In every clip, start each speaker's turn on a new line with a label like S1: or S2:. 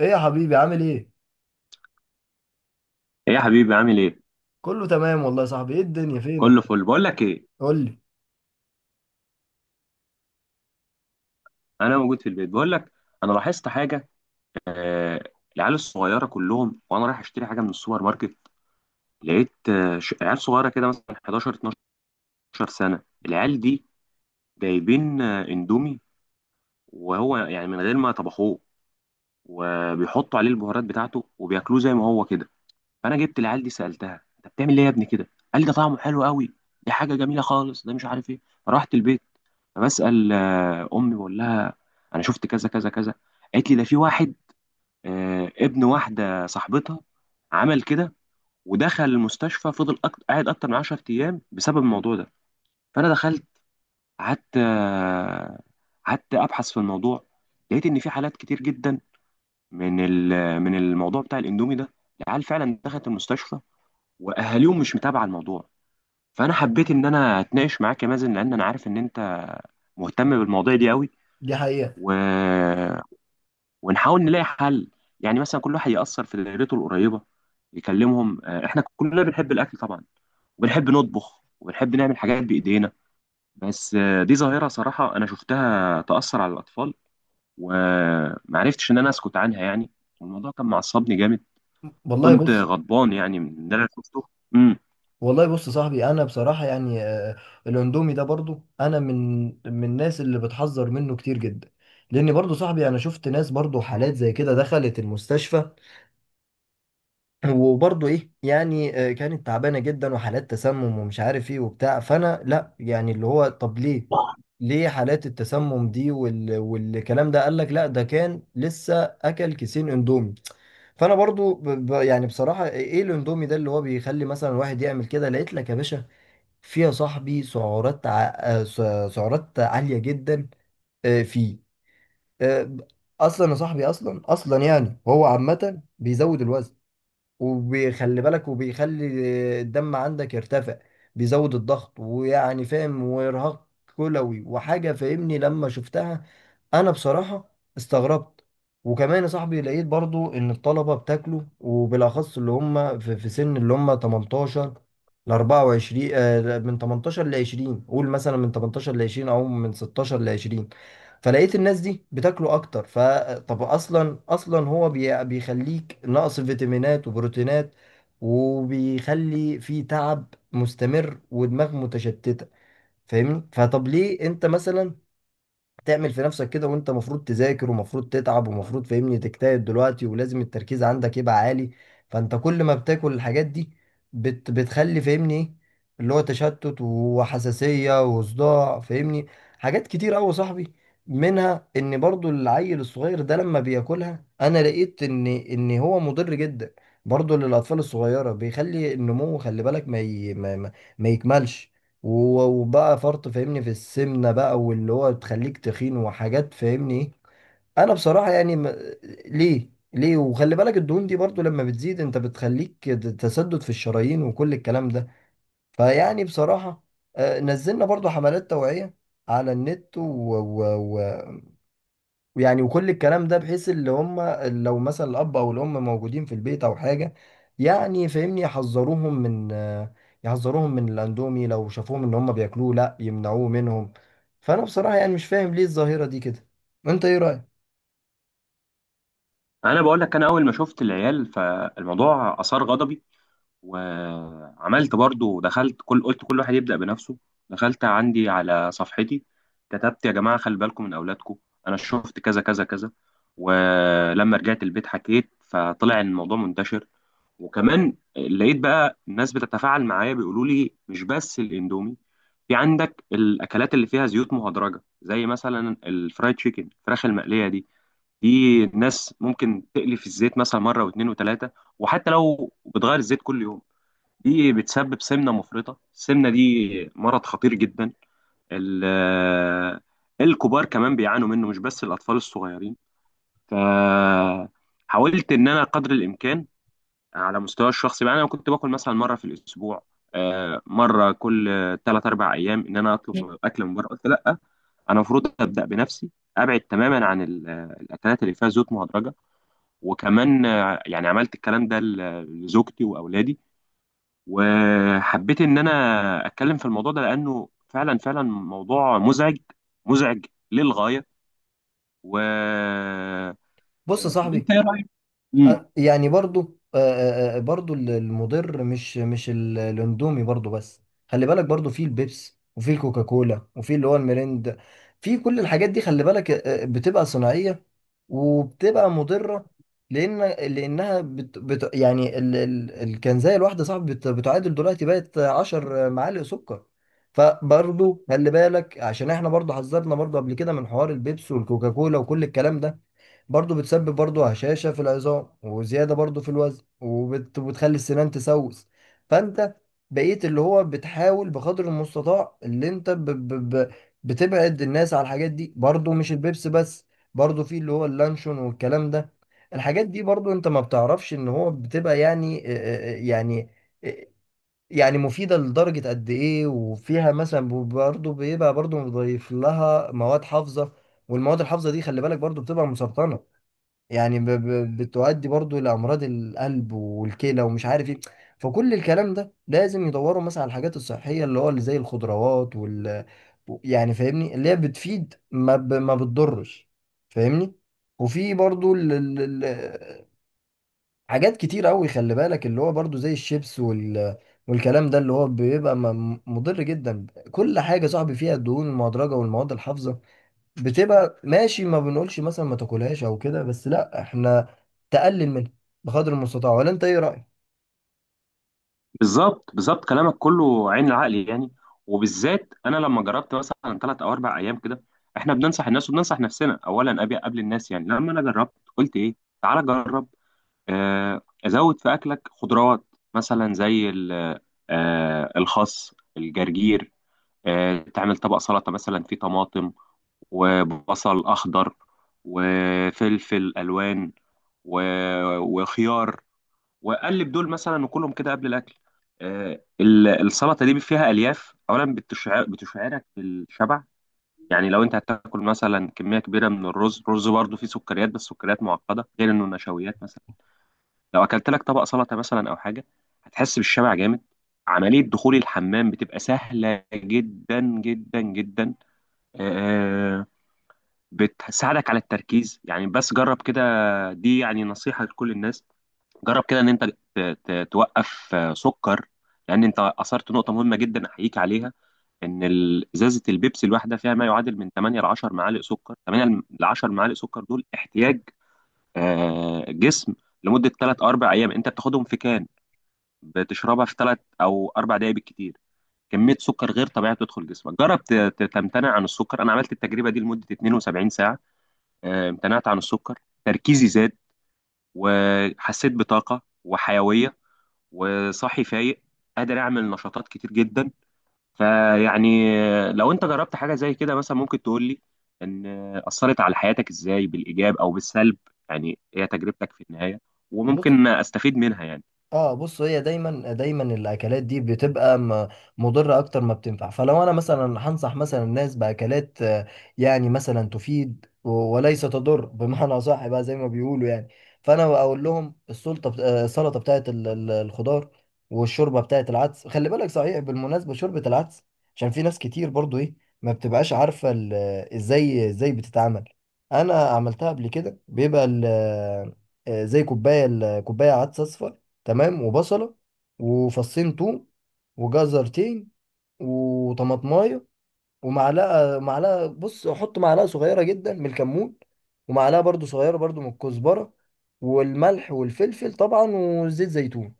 S1: ايه يا حبيبي عامل ايه؟
S2: ايه يا حبيبي؟ عامل ايه؟
S1: كله تمام والله يا صاحبي. ايه الدنيا فينك؟
S2: كله فل. بقول لك ايه،
S1: قول لي.
S2: انا موجود في البيت. بقول لك انا لاحظت حاجه. آه، العيال الصغيره كلهم، وانا رايح اشتري حاجه من السوبر ماركت، لقيت عيال صغيره كده مثلا 11 12 سنه، العيال دي جايبين اندومي، وهو يعني من غير ما طبخوه، وبيحطوا عليه البهارات بتاعته وبياكلوه زي ما هو كده. فانا جبت العيال دي سالتها، انت بتعمل ايه يا ابني كده؟ قال لي ده طعمه حلو قوي، دي حاجه جميله خالص، ده مش عارف ايه. رحت البيت فبسأل أمي، بقول لها أنا شفت كذا كذا كذا. قالت لي ده في واحد، ابن واحدة صاحبتها، عمل كده ودخل المستشفى، فضل قاعد أكتر من 10 أيام بسبب الموضوع ده. فأنا دخلت قعدت قعدت أبحث في الموضوع، لقيت إن في حالات كتير جدا من من الموضوع بتاع الإندومي ده، العيال فعلا دخلت المستشفى وأهاليهم مش متابعة الموضوع. فأنا حبيت إن أنا أتناقش معاك يا مازن، لأن أنا عارف إن أنت مهتم بالمواضيع دي قوي،
S1: دي حقيقة.
S2: و... ونحاول نلاقي حل. يعني مثلا كل واحد يأثر في دايرته القريبة، يكلمهم. احنا كلنا بنحب الأكل طبعا، وبنحب نطبخ وبنحب نعمل حاجات بإيدينا، بس دي ظاهرة صراحة أنا شفتها تأثر على الأطفال، ومعرفتش إن أنا أسكت عنها يعني. والموضوع كان معصبني جامد،
S1: والله
S2: وكنت
S1: بص.
S2: غضبان يعني من اللي أنا شفته. امم
S1: والله بص يا صاحبي، انا بصراحة يعني الاندومي ده برضو انا من الناس اللي بتحذر منه كتير جدا. لان برضو صاحبي انا شفت ناس برضو حالات زي كده دخلت المستشفى. وبرضه ايه يعني، كانت تعبانه جدا وحالات تسمم ومش عارف ايه وبتاع. فانا لا يعني اللي هو طب ليه ليه حالات التسمم دي والكلام ده؟ قال لك لا ده كان لسه اكل كيسين اندومي. فانا برضو يعني بصراحه ايه إيه الاندومي ده اللي هو بيخلي مثلا الواحد يعمل كده؟ لقيت لك يا باشا فيها صاحبي سعرات سعرات عاليه جدا. فيه. آه، اصلا يا صاحبي، اصلا يعني هو عامه بيزود الوزن، وبيخلي بالك، وبيخلي الدم عندك يرتفع، بيزود الضغط ويعني فاهم، وارهاق كلوي وحاجة فاهمني. لما شفتها انا بصراحة استغربت. وكمان يا صاحبي لقيت برضو ان الطلبة بتاكله، وبالاخص اللي هم في سن اللي هم 18 ل 24، من 18 ل 20، قول مثلا من 18 ل 20 او من 16 ل 20. فلقيت الناس دي بتاكله اكتر. فطب اصلا هو بيخليك ناقص فيتامينات وبروتينات، وبيخلي في تعب مستمر ودماغ متشتتة فاهمني. فطب ليه انت مثلا تعمل في نفسك كده، وانت مفروض تذاكر ومفروض تتعب ومفروض فاهمني تجتهد دلوقتي، ولازم التركيز عندك يبقى عالي؟ فانت كل ما بتاكل الحاجات دي بتخلي فاهمني ايه اللي هو تشتت وحساسية وصداع فاهمني. حاجات كتير قوي يا صاحبي، منها ان برضو العيل الصغير ده لما بياكلها انا لقيت ان هو مضر جدا برضو للاطفال الصغيرة. بيخلي النمو خلي بالك ما ي... ما... ما ما يكملش. وبقى فرط فاهمني في السمنة بقى، واللي هو تخليك تخين وحاجات فاهمني ايه. انا بصراحة يعني ليه ليه وخلي بالك الدهون دي برضو لما بتزيد انت بتخليك تسدد في الشرايين وكل الكلام ده. فيعني بصراحة نزلنا برضو حملات توعية على النت و... يعني، وكل الكلام ده بحيث اللي هم لو مثلا الأب أو الأم موجودين في البيت أو حاجة، يعني فاهمني يحذروهم من الأندومي، لو شافوهم إن هم بياكلوه لأ يمنعوه منهم. فأنا بصراحة يعني مش فاهم ليه الظاهرة دي كده. أنت إيه رأيك؟
S2: أنا بقول لك، أنا أول ما شفت العيال فالموضوع أثار غضبي، وعملت برضو دخلت كل واحد يبدأ بنفسه. دخلت عندي على صفحتي، كتبت يا جماعة خلي بالكم من أولادكم، أنا شفت كذا كذا كذا. ولما رجعت البيت حكيت فطلع إن الموضوع منتشر، وكمان لقيت بقى الناس بتتفاعل معايا، بيقولوا لي مش بس الإندومي، في عندك الأكلات اللي فيها زيوت مهدرجة، زي مثلا الفرايد تشيكن، الفراخ المقلية دي، دي الناس ممكن تقلي في الزيت مثلا مرة واثنين وثلاثة، وحتى لو بتغير الزيت كل يوم دي بتسبب سمنة مفرطة. السمنة دي مرض خطير جدا، ال- الكبار كمان بيعانوا منه، مش بس الأطفال الصغيرين. فحاولت إن أنا قدر الإمكان على مستوى الشخصي بقى، أنا كنت باكل مثلا مرة في الأسبوع، مرة كل ثلاث أربع أيام إن أنا أطلب أكل من بره، قلت لأ، أنا المفروض أبدأ بنفسي، أبعد تماما عن الأكلات اللي فيها زيوت مهدرجة. وكمان يعني عملت الكلام ده لزوجتي وأولادي، وحبيت ان انا اتكلم في الموضوع ده لانه فعلا فعلا موضوع مزعج، مزعج للغايه. و آه،
S1: بص يا
S2: طب انت
S1: صاحبي،
S2: ايه رايك؟ امم
S1: يعني برضو برضو المضر مش الاندومي برضو بس. خلي بالك برضو في البيبس وفي الكوكاكولا وفي اللي هو الميريند، في كل الحاجات دي خلي بالك بتبقى صناعية وبتبقى مضرة. لأن لأنها بت يعني الكنزاية الواحدة صعب بتعادل دلوقتي بقت 10 معالق سكر. فبرضو خلي بالك، عشان احنا برضو حذرنا برضو قبل كده من حوار البيبس والكوكاكولا وكل الكلام ده. برضو بتسبب برضو هشاشة في العظام وزيادة برضو في الوزن وبتخلي السنان تسوس. فانت بقيت اللي هو بتحاول بقدر المستطاع اللي انت بتبعد الناس على الحاجات دي، برضو مش البيبس بس، برضو في اللي هو اللانشون والكلام ده. الحاجات دي برضو انت ما بتعرفش ان هو بتبقى يعني آه، آه، يعني آه، يعني مفيدة لدرجة قد ايه، وفيها مثلا برضو بيبقى برضو مضيف لها مواد حافظة. والمواد الحافظة دي خلي بالك برضو بتبقى مسرطنة، يعني بتؤدي برضو لأمراض القلب والكلى ومش عارف ايه. فكل الكلام ده لازم يدوروا مثلا على الحاجات الصحية اللي هو اللي زي الخضروات يعني فاهمني اللي هي بتفيد ما ما بتضرش فاهمني. وفي برضو حاجات كتير قوي خلي بالك اللي هو برضو زي الشيبس والكلام ده اللي هو بيبقى مضر جدا. كل حاجة صاحبي فيها الدهون المهدرجة والمواد الحافظة بتبقى ماشي، ما بنقولش مثلا ما تاكلهاش او كده، بس لا احنا تقلل منها بقدر المستطاع. ولا انت ايه رايك؟
S2: بالظبط بالظبط، كلامك كله عين العقل يعني. وبالذات انا لما جربت مثلا ثلاث او اربع ايام كده، احنا بننصح الناس وبننصح نفسنا اولا قبل الناس يعني. لما انا جربت قلت ايه، تعالى جرب. ازود في اكلك خضروات، مثلا زي الخس، الجرجير. تعمل طبق سلطة مثلا فيه طماطم، وبصل أخضر، وفلفل ألوان، و... وخيار، وقلب دول مثلا وكلهم كده قبل الأكل. السلطة دي فيها ألياف أولا، بتشعرك بالشبع، يعني لو أنت هتاكل مثلا كمية كبيرة من الرز، الرز برضه فيه سكريات، بس سكريات معقدة، غير إنه نشويات مثلا. لو أكلت لك طبق سلطة مثلا أو حاجة هتحس بالشبع جامد. عملية دخول الحمام بتبقى سهلة جدا جدا جدا. آه، بتساعدك على التركيز، يعني بس جرب كده، دي يعني نصيحة لكل الناس. جرب كده ان انت توقف سكر. لان انت اثرت نقطة مهمة جدا احييك عليها، ان ازازة البيبسي الواحدة فيها ما يعادل من 8 ل 10 معالق سكر. 8 ل 10 معالق سكر دول احتياج جسم لمدة 3 4 ايام، انت بتاخدهم في كان بتشربها في 3 او 4 دقائق بالكتير. كمية سكر غير طبيعية بتدخل جسمك. جرب تمتنع عن السكر. انا عملت التجربة دي لمدة 72 ساعة، امتنعت عن السكر. تركيزي زاد، وحسيت بطاقة وحيوية، وصاحي فايق، قادر أعمل نشاطات كتير جدا. فيعني لو أنت جربت حاجة زي كده مثلا ممكن تقول لي إن أثرت على حياتك إزاي، بالإيجاب أو بالسلب، يعني هي تجربتك في النهاية،
S1: بص.
S2: وممكن أستفيد منها يعني.
S1: اه بص، هي دايما الاكلات دي بتبقى مضره اكتر ما بتنفع. فلو انا مثلا هنصح مثلا الناس باكلات يعني مثلا تفيد وليس تضر بمعنى صح بقى زي ما بيقولوا يعني. فانا اقول لهم السلطه السلطه بتاعت الخضار، والشوربه بتاعت العدس. خلي بالك صحيح بالمناسبه شوربه العدس، عشان في ناس كتير برضو ايه ما بتبقاش عارفه ازاي ازاي بتتعمل. انا عملتها قبل كده، بيبقى زي كوبايه كوبايه عدس اصفر تمام، وبصلة، وفصين توم، وجزرتين، وطماطماية، ومعلقه بص احط معلقه صغيره جدا من الكمون، ومعلقه برضو صغيره برضو من الكزبره، والملح والفلفل طبعا، وزيت زيتون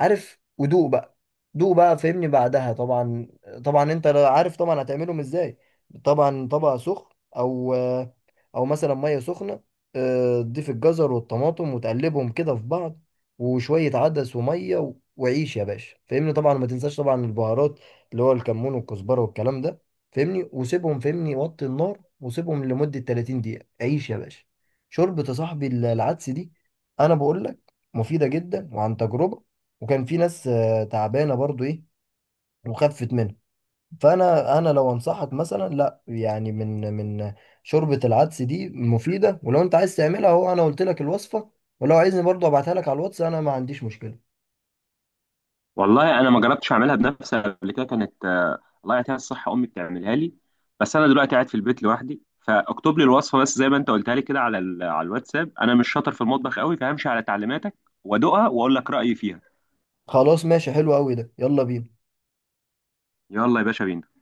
S1: عارف، ودوق بقى. دوق بقى فهمني بعدها طبعا. طبعا انت عارف طبعا هتعملهم ازاي. طبعا طبق سخن، او او مثلا ميه سخنه، تضيف الجزر والطماطم وتقلبهم كده في بعض، وشويه عدس وميه وعيش يا باشا فهمني. طبعا ما تنساش طبعا البهارات اللي هو الكمون والكزبره والكلام ده فاهمني، وسيبهم فاهمني وطي النار وسيبهم لمدة 30 دقيقة. عيش يا باشا، شوربة يا صاحبي العدس دي انا بقول لك مفيدة جدا، وعن تجربة. وكان في ناس تعبانة برضو ايه وخفت منها. فانا لو انصحك مثلا لا يعني من من شوربة العدس دي مفيدة، ولو انت عايز تعملها اهو انا قلت لك الوصفة، ولو عايزني برضو ابعتها لك على الواتس انا ما عنديش مشكلة.
S2: والله انا ما جربتش اعملها بنفسي قبل كده، كانت الله يعطيها الصحه امي بتعملها لي، بس انا دلوقتي قاعد في البيت لوحدي، فاكتب لي الوصفه بس زي ما انت قلتها لي كده على على الواتساب. انا مش شاطر في المطبخ قوي، فهمشي على تعليماتك وادوقها واقول لك رايي فيها.
S1: خلاص ماشي، حلو قوي ده، يلا بينا.
S2: يلا يا باشا بينا.